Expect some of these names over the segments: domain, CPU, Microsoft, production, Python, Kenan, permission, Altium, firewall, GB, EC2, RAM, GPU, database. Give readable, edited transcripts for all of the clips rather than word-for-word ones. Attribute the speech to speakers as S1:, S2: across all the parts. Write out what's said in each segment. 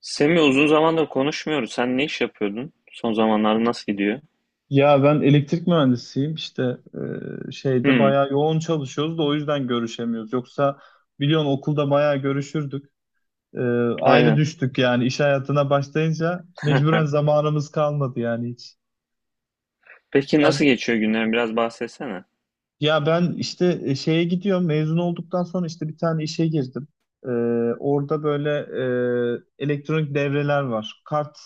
S1: Semi uzun zamandır konuşmuyoruz. Sen ne iş yapıyordun? Son zamanlarda nasıl gidiyor?
S2: Ya ben elektrik mühendisiyim işte şeyde
S1: Hmm,
S2: bayağı yoğun çalışıyoruz da o yüzden görüşemiyoruz. Yoksa biliyorsun okulda bayağı görüşürdük. E, Ayrı
S1: aynen.
S2: düştük yani iş hayatına başlayınca mecburen zamanımız kalmadı yani hiç.
S1: Peki nasıl
S2: Sen
S1: geçiyor günlerin? Biraz bahsetsene.
S2: ya ben işte şeye gidiyorum mezun olduktan sonra işte bir tane işe girdim. E, Orada böyle elektronik devreler var. Kart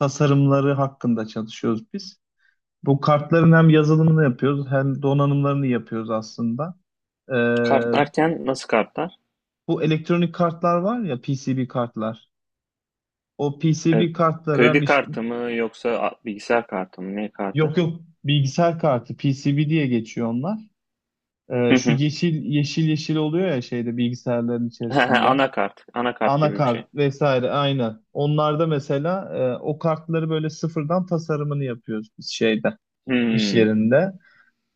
S2: tasarımları hakkında çalışıyoruz biz. Bu kartların hem yazılımını yapıyoruz hem donanımlarını yapıyoruz aslında. Ee,
S1: Kartlarken nasıl kartlar?
S2: Bu elektronik kartlar var ya PCB kartlar. O
S1: E,
S2: PCB kartlara
S1: kredi kartı mı yoksa bilgisayar kartı mı? Ne kartı?
S2: yok yok, bilgisayar kartı, PCB diye geçiyor onlar.
S1: Hı
S2: Şu
S1: hı.
S2: yeşil yeşil yeşil oluyor ya şeyde bilgisayarların içerisinde.
S1: Anakart. Anakart gibi bir şey.
S2: Anakart vesaire aynı. Onlarda mesela o kartları böyle sıfırdan tasarımını yapıyoruz biz şeyde iş
S1: Hmm.
S2: yerinde.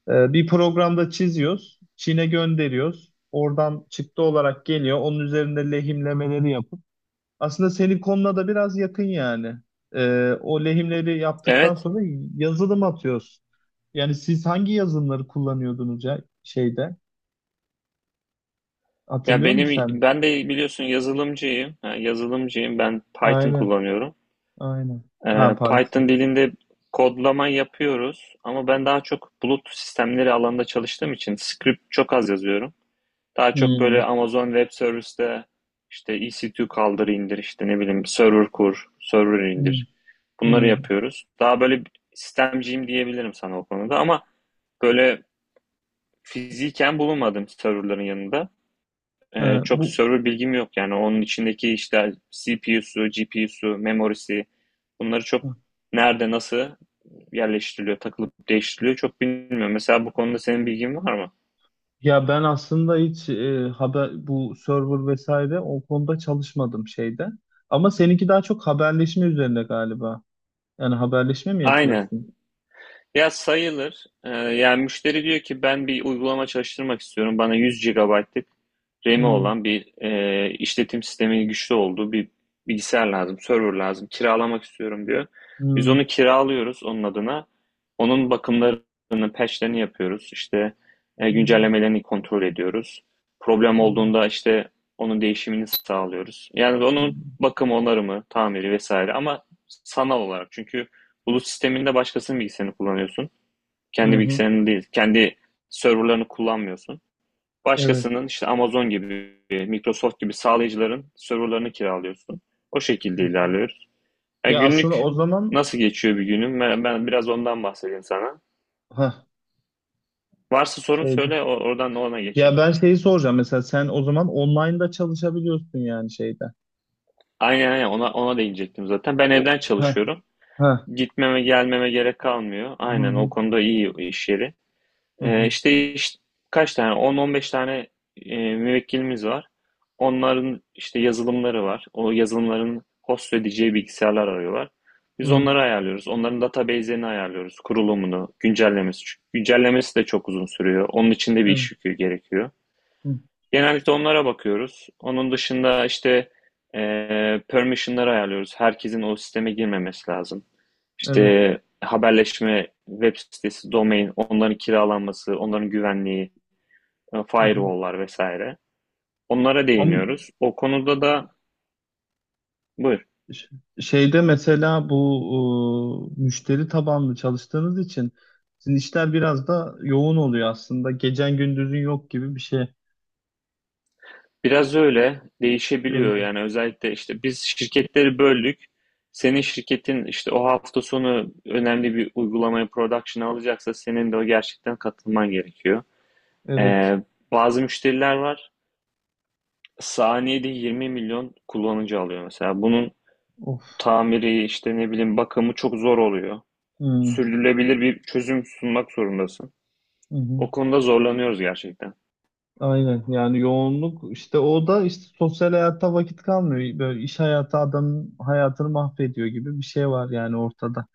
S2: Bir programda çiziyoruz. Çin'e gönderiyoruz. Oradan çıktı olarak geliyor. Onun üzerinde lehimlemeleri yapıp. Aslında senin konuna da biraz yakın yani. O lehimleri yaptıktan
S1: Evet.
S2: sonra yazılım atıyoruz. Yani siz hangi yazılımları kullanıyordunuz ya şeyde?
S1: Ya
S2: Hatırlıyor musun sen?
S1: ben de biliyorsun yazılımcıyım. Ha, yazılımcıyım. Ben Python
S2: Aynen,
S1: kullanıyorum.
S2: aynen. Ha, Python.
S1: Python dilinde kodlama yapıyoruz ama ben daha çok bulut sistemleri alanında çalıştığım için script çok az yazıyorum. Daha çok
S2: Hmm,
S1: böyle Amazon Web Service'te işte EC2 kaldır indir, işte ne bileyim, server kur, server
S2: hmm,
S1: indir. Bunları
S2: hmm.
S1: yapıyoruz. Daha böyle sistemciyim diyebilirim sana o konuda, ama böyle fiziken bulunmadım serverların yanında. Ee,
S2: Ha,
S1: çok
S2: bu
S1: server bilgim yok yani, onun içindeki işte CPU'su, GPU'su, memorisi, bunları çok nerede nasıl yerleştiriliyor, takılıp değiştiriliyor çok bilmiyorum. Mesela bu konuda senin bilgin var mı?
S2: ya ben aslında hiç haber bu server vesaire o konuda çalışmadım şeyde. Ama seninki daha çok haberleşme üzerine galiba. Yani haberleşme mi
S1: Aynen.
S2: yapıyorsun?
S1: Ya sayılır. Yani müşteri diyor ki ben bir uygulama çalıştırmak istiyorum. Bana 100 GB'lık RAM'i
S2: Hmm,
S1: olan, bir işletim sistemi güçlü olduğu bir bilgisayar lazım, server lazım. Kiralamak istiyorum diyor. Biz onu
S2: hmm,
S1: kiralıyoruz onun adına. Onun bakımlarını, patchlerini yapıyoruz. İşte
S2: hmm,
S1: güncellemelerini kontrol ediyoruz. Problem
S2: hmm,
S1: olduğunda işte onun değişimini sağlıyoruz. Yani onun
S2: hmm.
S1: bakımı, onarımı, tamiri vesaire, ama sanal olarak. Çünkü bulut sisteminde başkasının bilgisayarını kullanıyorsun.
S2: Hı
S1: Kendi
S2: hı,
S1: bilgisayarını değil, kendi serverlarını kullanmıyorsun.
S2: evet.
S1: Başkasının işte Amazon gibi, Microsoft gibi sağlayıcıların serverlarını kiralıyorsun. O şekilde ilerliyoruz. Yani
S2: Ya aslında
S1: günlük
S2: o zaman
S1: nasıl geçiyor bir günüm? Ben biraz ondan bahsedeyim sana.
S2: ha
S1: Varsa sorun
S2: şeyde.
S1: söyle, oradan ona geçeyim.
S2: Ya ben şeyi soracağım, mesela sen o zaman online'da çalışabiliyorsun yani şeyde.
S1: Aynen aynen ona değinecektim zaten. Ben
S2: O
S1: evden
S2: ha
S1: çalışıyorum.
S2: ha.
S1: Gitmeme gelmeme gerek kalmıyor.
S2: Hı
S1: Aynen, o
S2: hı,
S1: konuda iyi iş yeri.
S2: hı hı,
S1: İşte, işte kaç tane? 10-15 tane müvekkilimiz var. Onların işte yazılımları var. O yazılımların host edeceği bilgisayarlar arıyorlar. Biz
S2: hı,
S1: onları ayarlıyoruz. Onların database'lerini ayarlıyoruz. Kurulumunu, güncellemesi. Çünkü güncellemesi de çok uzun sürüyor. Onun için de bir
S2: evet.
S1: iş yükü gerekiyor.
S2: Hı,
S1: Genellikle onlara bakıyoruz. Onun dışında işte permission'ları ayarlıyoruz. Herkesin o sisteme girmemesi lazım.
S2: evet.
S1: İşte haberleşme, web sitesi, domain, onların kiralanması, onların güvenliği,
S2: Hı hı.
S1: firewall'lar vesaire. Onlara
S2: Ama
S1: değiniyoruz. O konuda da buyur.
S2: Ş- şeyde mesela bu müşteri tabanlı çalıştığınız için sizin işler biraz da yoğun oluyor aslında. Gecen gündüzün yok gibi bir şey.
S1: Biraz öyle değişebiliyor
S2: Ee,
S1: yani, özellikle işte biz şirketleri böldük. Senin şirketin işte o hafta sonu önemli bir uygulamayı production'a alacaksa senin de o gerçekten katılman gerekiyor.
S2: Evet.
S1: Ee, bazı müşteriler var. Saniyede 20 milyon kullanıcı alıyor mesela. Bunun
S2: Of.
S1: tamiri işte ne bileyim bakımı çok zor oluyor.
S2: Hmm.
S1: Sürdürülebilir bir çözüm sunmak zorundasın.
S2: Hı hı.
S1: O konuda zorlanıyoruz gerçekten.
S2: Aynen. Yani yoğunluk işte, o da işte sosyal hayata vakit kalmıyor. Böyle iş hayatı adamın hayatını mahvediyor gibi bir şey var yani ortada.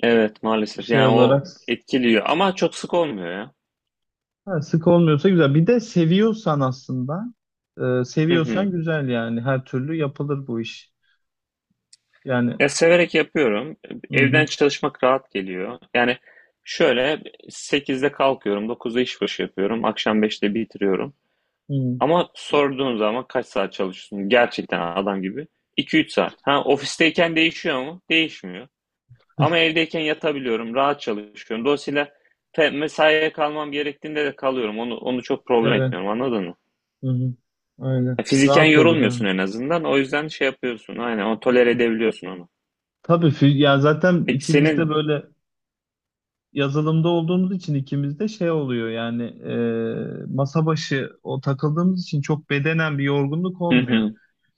S1: Evet, maalesef
S2: Şey
S1: yani o
S2: olarak
S1: etkiliyor ama çok sık olmuyor ya.
S2: ha, sık olmuyorsa güzel. Bir de seviyorsan aslında
S1: Hı hı.
S2: seviyorsan güzel yani her türlü yapılır bu iş. Yani
S1: Ya severek yapıyorum.
S2: hı
S1: Evden
S2: hı,
S1: çalışmak rahat geliyor. Yani şöyle, 8'de kalkıyorum, 9'da iş başı yapıyorum, akşam 5'te bitiriyorum.
S2: hı.
S1: Ama sorduğun zaman kaç saat çalışıyorsun gerçekten adam gibi, iki üç saat. Ha, ofisteyken değişiyor mu? Değişmiyor. Ama evdeyken yatabiliyorum, rahat çalışıyorum. Dolayısıyla mesaiye kalmam gerektiğinde de kalıyorum. Onu çok problem
S2: Evet.
S1: etmiyorum, anladın mı?
S2: Hı hı. Öyle.
S1: Ya, fiziken
S2: Rahat olur
S1: yorulmuyorsun
S2: yani.
S1: en azından. O yüzden şey yapıyorsun. Aynen, o tolere edebiliyorsun onu.
S2: Tabii ya zaten
S1: Peki
S2: ikimiz de
S1: senin,
S2: böyle yazılımda olduğumuz için ikimiz de şey oluyor yani masa başı o takıldığımız için çok bedenen bir yorgunluk
S1: hı
S2: olmuyor.
S1: hı,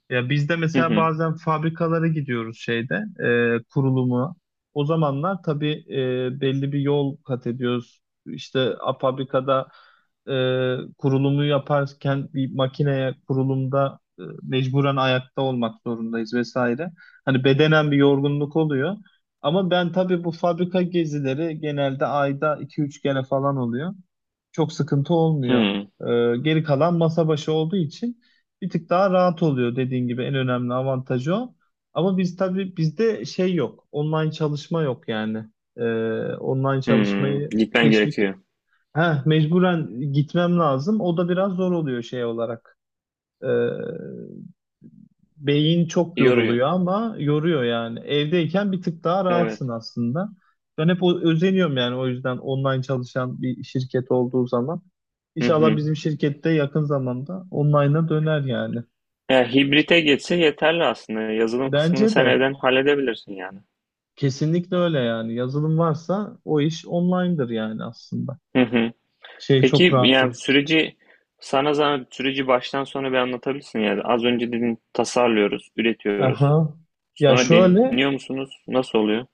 S2: Ya biz de
S1: hı
S2: mesela
S1: hı,
S2: bazen fabrikalara gidiyoruz şeyde kurulumu. O zamanlar tabii belli bir yol kat ediyoruz. İşte fabrikada e, kurulumu yaparken bir makineye kurulumda mecburen ayakta olmak zorundayız vesaire. Hani bedenen bir yorgunluk oluyor. Ama ben tabii bu fabrika gezileri genelde ayda iki üç kere falan oluyor. Çok sıkıntı olmuyor.
S1: hı
S2: Geri kalan masa başı olduğu için bir tık daha rahat oluyor dediğin gibi, en önemli avantajı o. Ama biz tabii bizde şey yok. Online çalışma yok yani. Ee, Online
S1: hı,
S2: çalışmayı
S1: gitmen
S2: teşvik
S1: gerekiyor.
S2: heh, mecburen gitmem lazım. O da biraz zor oluyor şey olarak. Ee, Beyin çok
S1: Yoruyor.
S2: yoruluyor ama yoruyor yani. Evdeyken bir tık daha rahatsın
S1: Evet.
S2: aslında. Ben hep özeniyorum yani, o yüzden online çalışan bir şirket olduğu zaman.
S1: Hı
S2: İnşallah
S1: hı.
S2: bizim şirkette yakın zamanda online'a döner yani.
S1: Ya hibrite geçse yeterli aslında. Yazılım kısmını
S2: Bence
S1: sen
S2: de
S1: evden halledebilirsin yani.
S2: kesinlikle öyle yani. Yazılım varsa o iş online'dır yani aslında.
S1: Hı hı.
S2: Şey çok
S1: Peki
S2: rahat
S1: yani
S2: olur.
S1: süreci, sana zahmet, süreci baştan sona bir anlatabilirsin yani. Az önce dedin tasarlıyoruz, üretiyoruz.
S2: Aha. Ya
S1: Sonra
S2: şöyle,
S1: deniyor musunuz? Nasıl oluyor?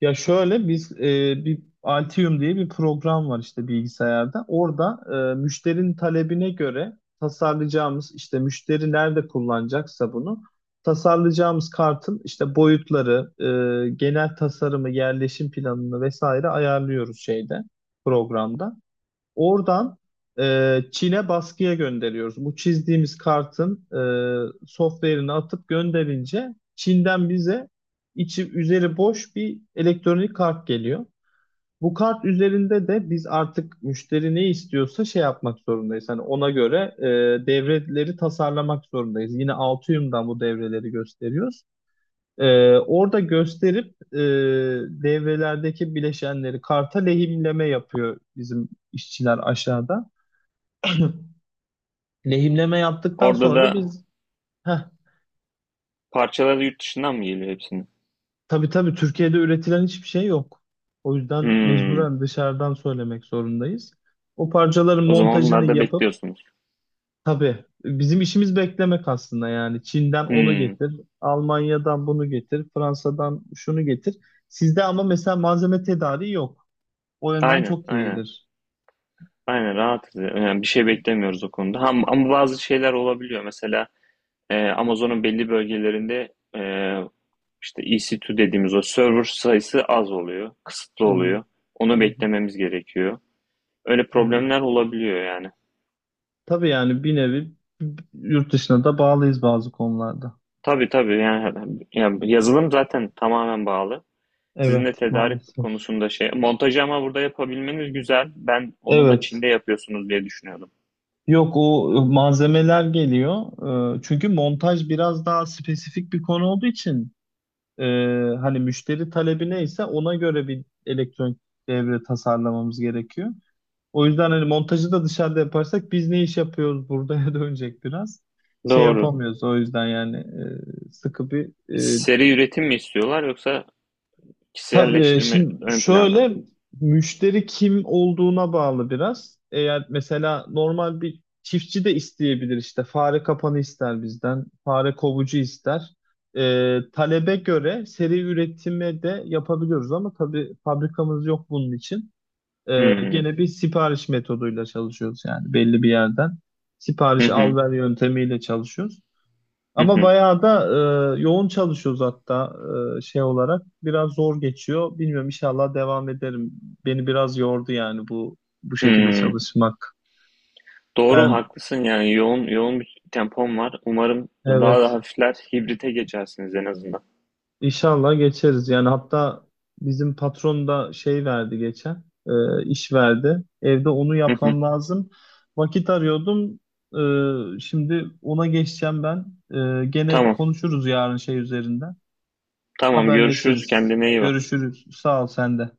S2: ya şöyle biz bir Altium diye bir program var işte bilgisayarda. Orada müşterinin talebine göre tasarlayacağımız işte müşteri nerede kullanacaksa bunu tasarlayacağımız kartın işte boyutları, genel tasarımı, yerleşim planını vesaire ayarlıyoruz şeyde programda. Oradan Çin'e baskıya gönderiyoruz. Bu çizdiğimiz kartın software'ini atıp gönderince Çin'den bize içi üzeri boş bir elektronik kart geliyor. Bu kart üzerinde de biz artık müşteri ne istiyorsa şey yapmak zorundayız. Hani ona göre devreleri tasarlamak zorundayız. Yine Altium'dan bu devreleri gösteriyoruz. Orada gösterip devrelerdeki bileşenleri karta lehimleme yapıyor bizim işçiler aşağıda. Lehimleme yaptıktan
S1: Orada
S2: sonra da
S1: da
S2: biz heh,
S1: parçaları yurt dışından mı geliyor hepsini?
S2: tabii tabii Türkiye'de üretilen hiçbir şey yok. O yüzden
S1: Hmm.
S2: mecburen dışarıdan söylemek zorundayız. O parçaların
S1: O zaman
S2: montajını
S1: onlarda
S2: yapıp
S1: bekliyorsunuz.
S2: tabii bizim işimiz beklemek aslında yani. Çin'den onu
S1: Hmm.
S2: getir, Almanya'dan bunu getir, Fransa'dan şunu getir. Sizde ama mesela malzeme tedariği yok. O yönden
S1: Aynen,
S2: çok
S1: aynen.
S2: iyidir.
S1: Aynen rahatız. Yani bir şey beklemiyoruz o konuda. Ama bazı şeyler olabiliyor. Mesela Amazon'un belli bölgelerinde e, İşte EC2 dediğimiz o server sayısı az oluyor, kısıtlı
S2: Hmm,
S1: oluyor. Onu
S2: hı hı,
S1: beklememiz gerekiyor. Öyle
S2: hı hı.
S1: problemler olabiliyor yani.
S2: Tabii yani bir nevi yurt dışına da bağlıyız bazı konularda.
S1: Tabii tabii, yani yazılım zaten tamamen bağlı. Sizin de
S2: Evet,
S1: tedarik
S2: maalesef.
S1: konusunda şey, montajı ama burada yapabilmeniz güzel. Ben onu da
S2: Evet.
S1: Çin'de yapıyorsunuz diye düşünüyordum.
S2: Yok, o malzemeler geliyor. Çünkü montaj biraz daha spesifik bir konu olduğu için e, hani müşteri talebi neyse ona göre bir elektronik devre tasarlamamız gerekiyor. O yüzden hani montajı da dışarıda yaparsak biz ne iş yapıyoruz buraya dönecek biraz. Şey
S1: Doğru.
S2: yapamıyoruz o yüzden yani sıkı bir
S1: Seri üretim mi istiyorlar yoksa
S2: tabii
S1: kişiselleştirme
S2: şimdi
S1: ön planda mı?
S2: şöyle müşteri kim olduğuna bağlı biraz. Eğer mesela normal bir çiftçi de isteyebilir, işte fare kapanı ister bizden, fare kovucu ister. Talebe göre seri üretime de yapabiliyoruz ama tabii fabrikamız yok bunun için.
S1: Hmm.
S2: Gene bir sipariş metoduyla çalışıyoruz yani belli bir yerden.
S1: Hı
S2: Sipariş al
S1: hı.
S2: ver yöntemiyle çalışıyoruz.
S1: Hı
S2: Ama
S1: hı.
S2: bayağı da yoğun çalışıyoruz hatta şey olarak. Biraz zor geçiyor. Bilmiyorum, inşallah devam ederim. Beni biraz yordu yani bu şekilde
S1: Hmm.
S2: çalışmak.
S1: Doğru,
S2: Ben
S1: haklısın, yani yoğun yoğun bir tempom var. Umarım daha da
S2: evet
S1: hafifler, hibrite geçersiniz en azından.
S2: inşallah geçeriz. Yani hatta bizim patron da şey verdi geçen iş verdi. Evde onu
S1: Hı hı.
S2: yapmam lazım. Vakit arıyordum. Şimdi ona geçeceğim ben. Gene
S1: Tamam,
S2: konuşuruz yarın şey üzerinden.
S1: tamam, görüşürüz.
S2: Haberleşiriz.
S1: Kendine iyi bak.
S2: Görüşürüz. Sağ ol sen de.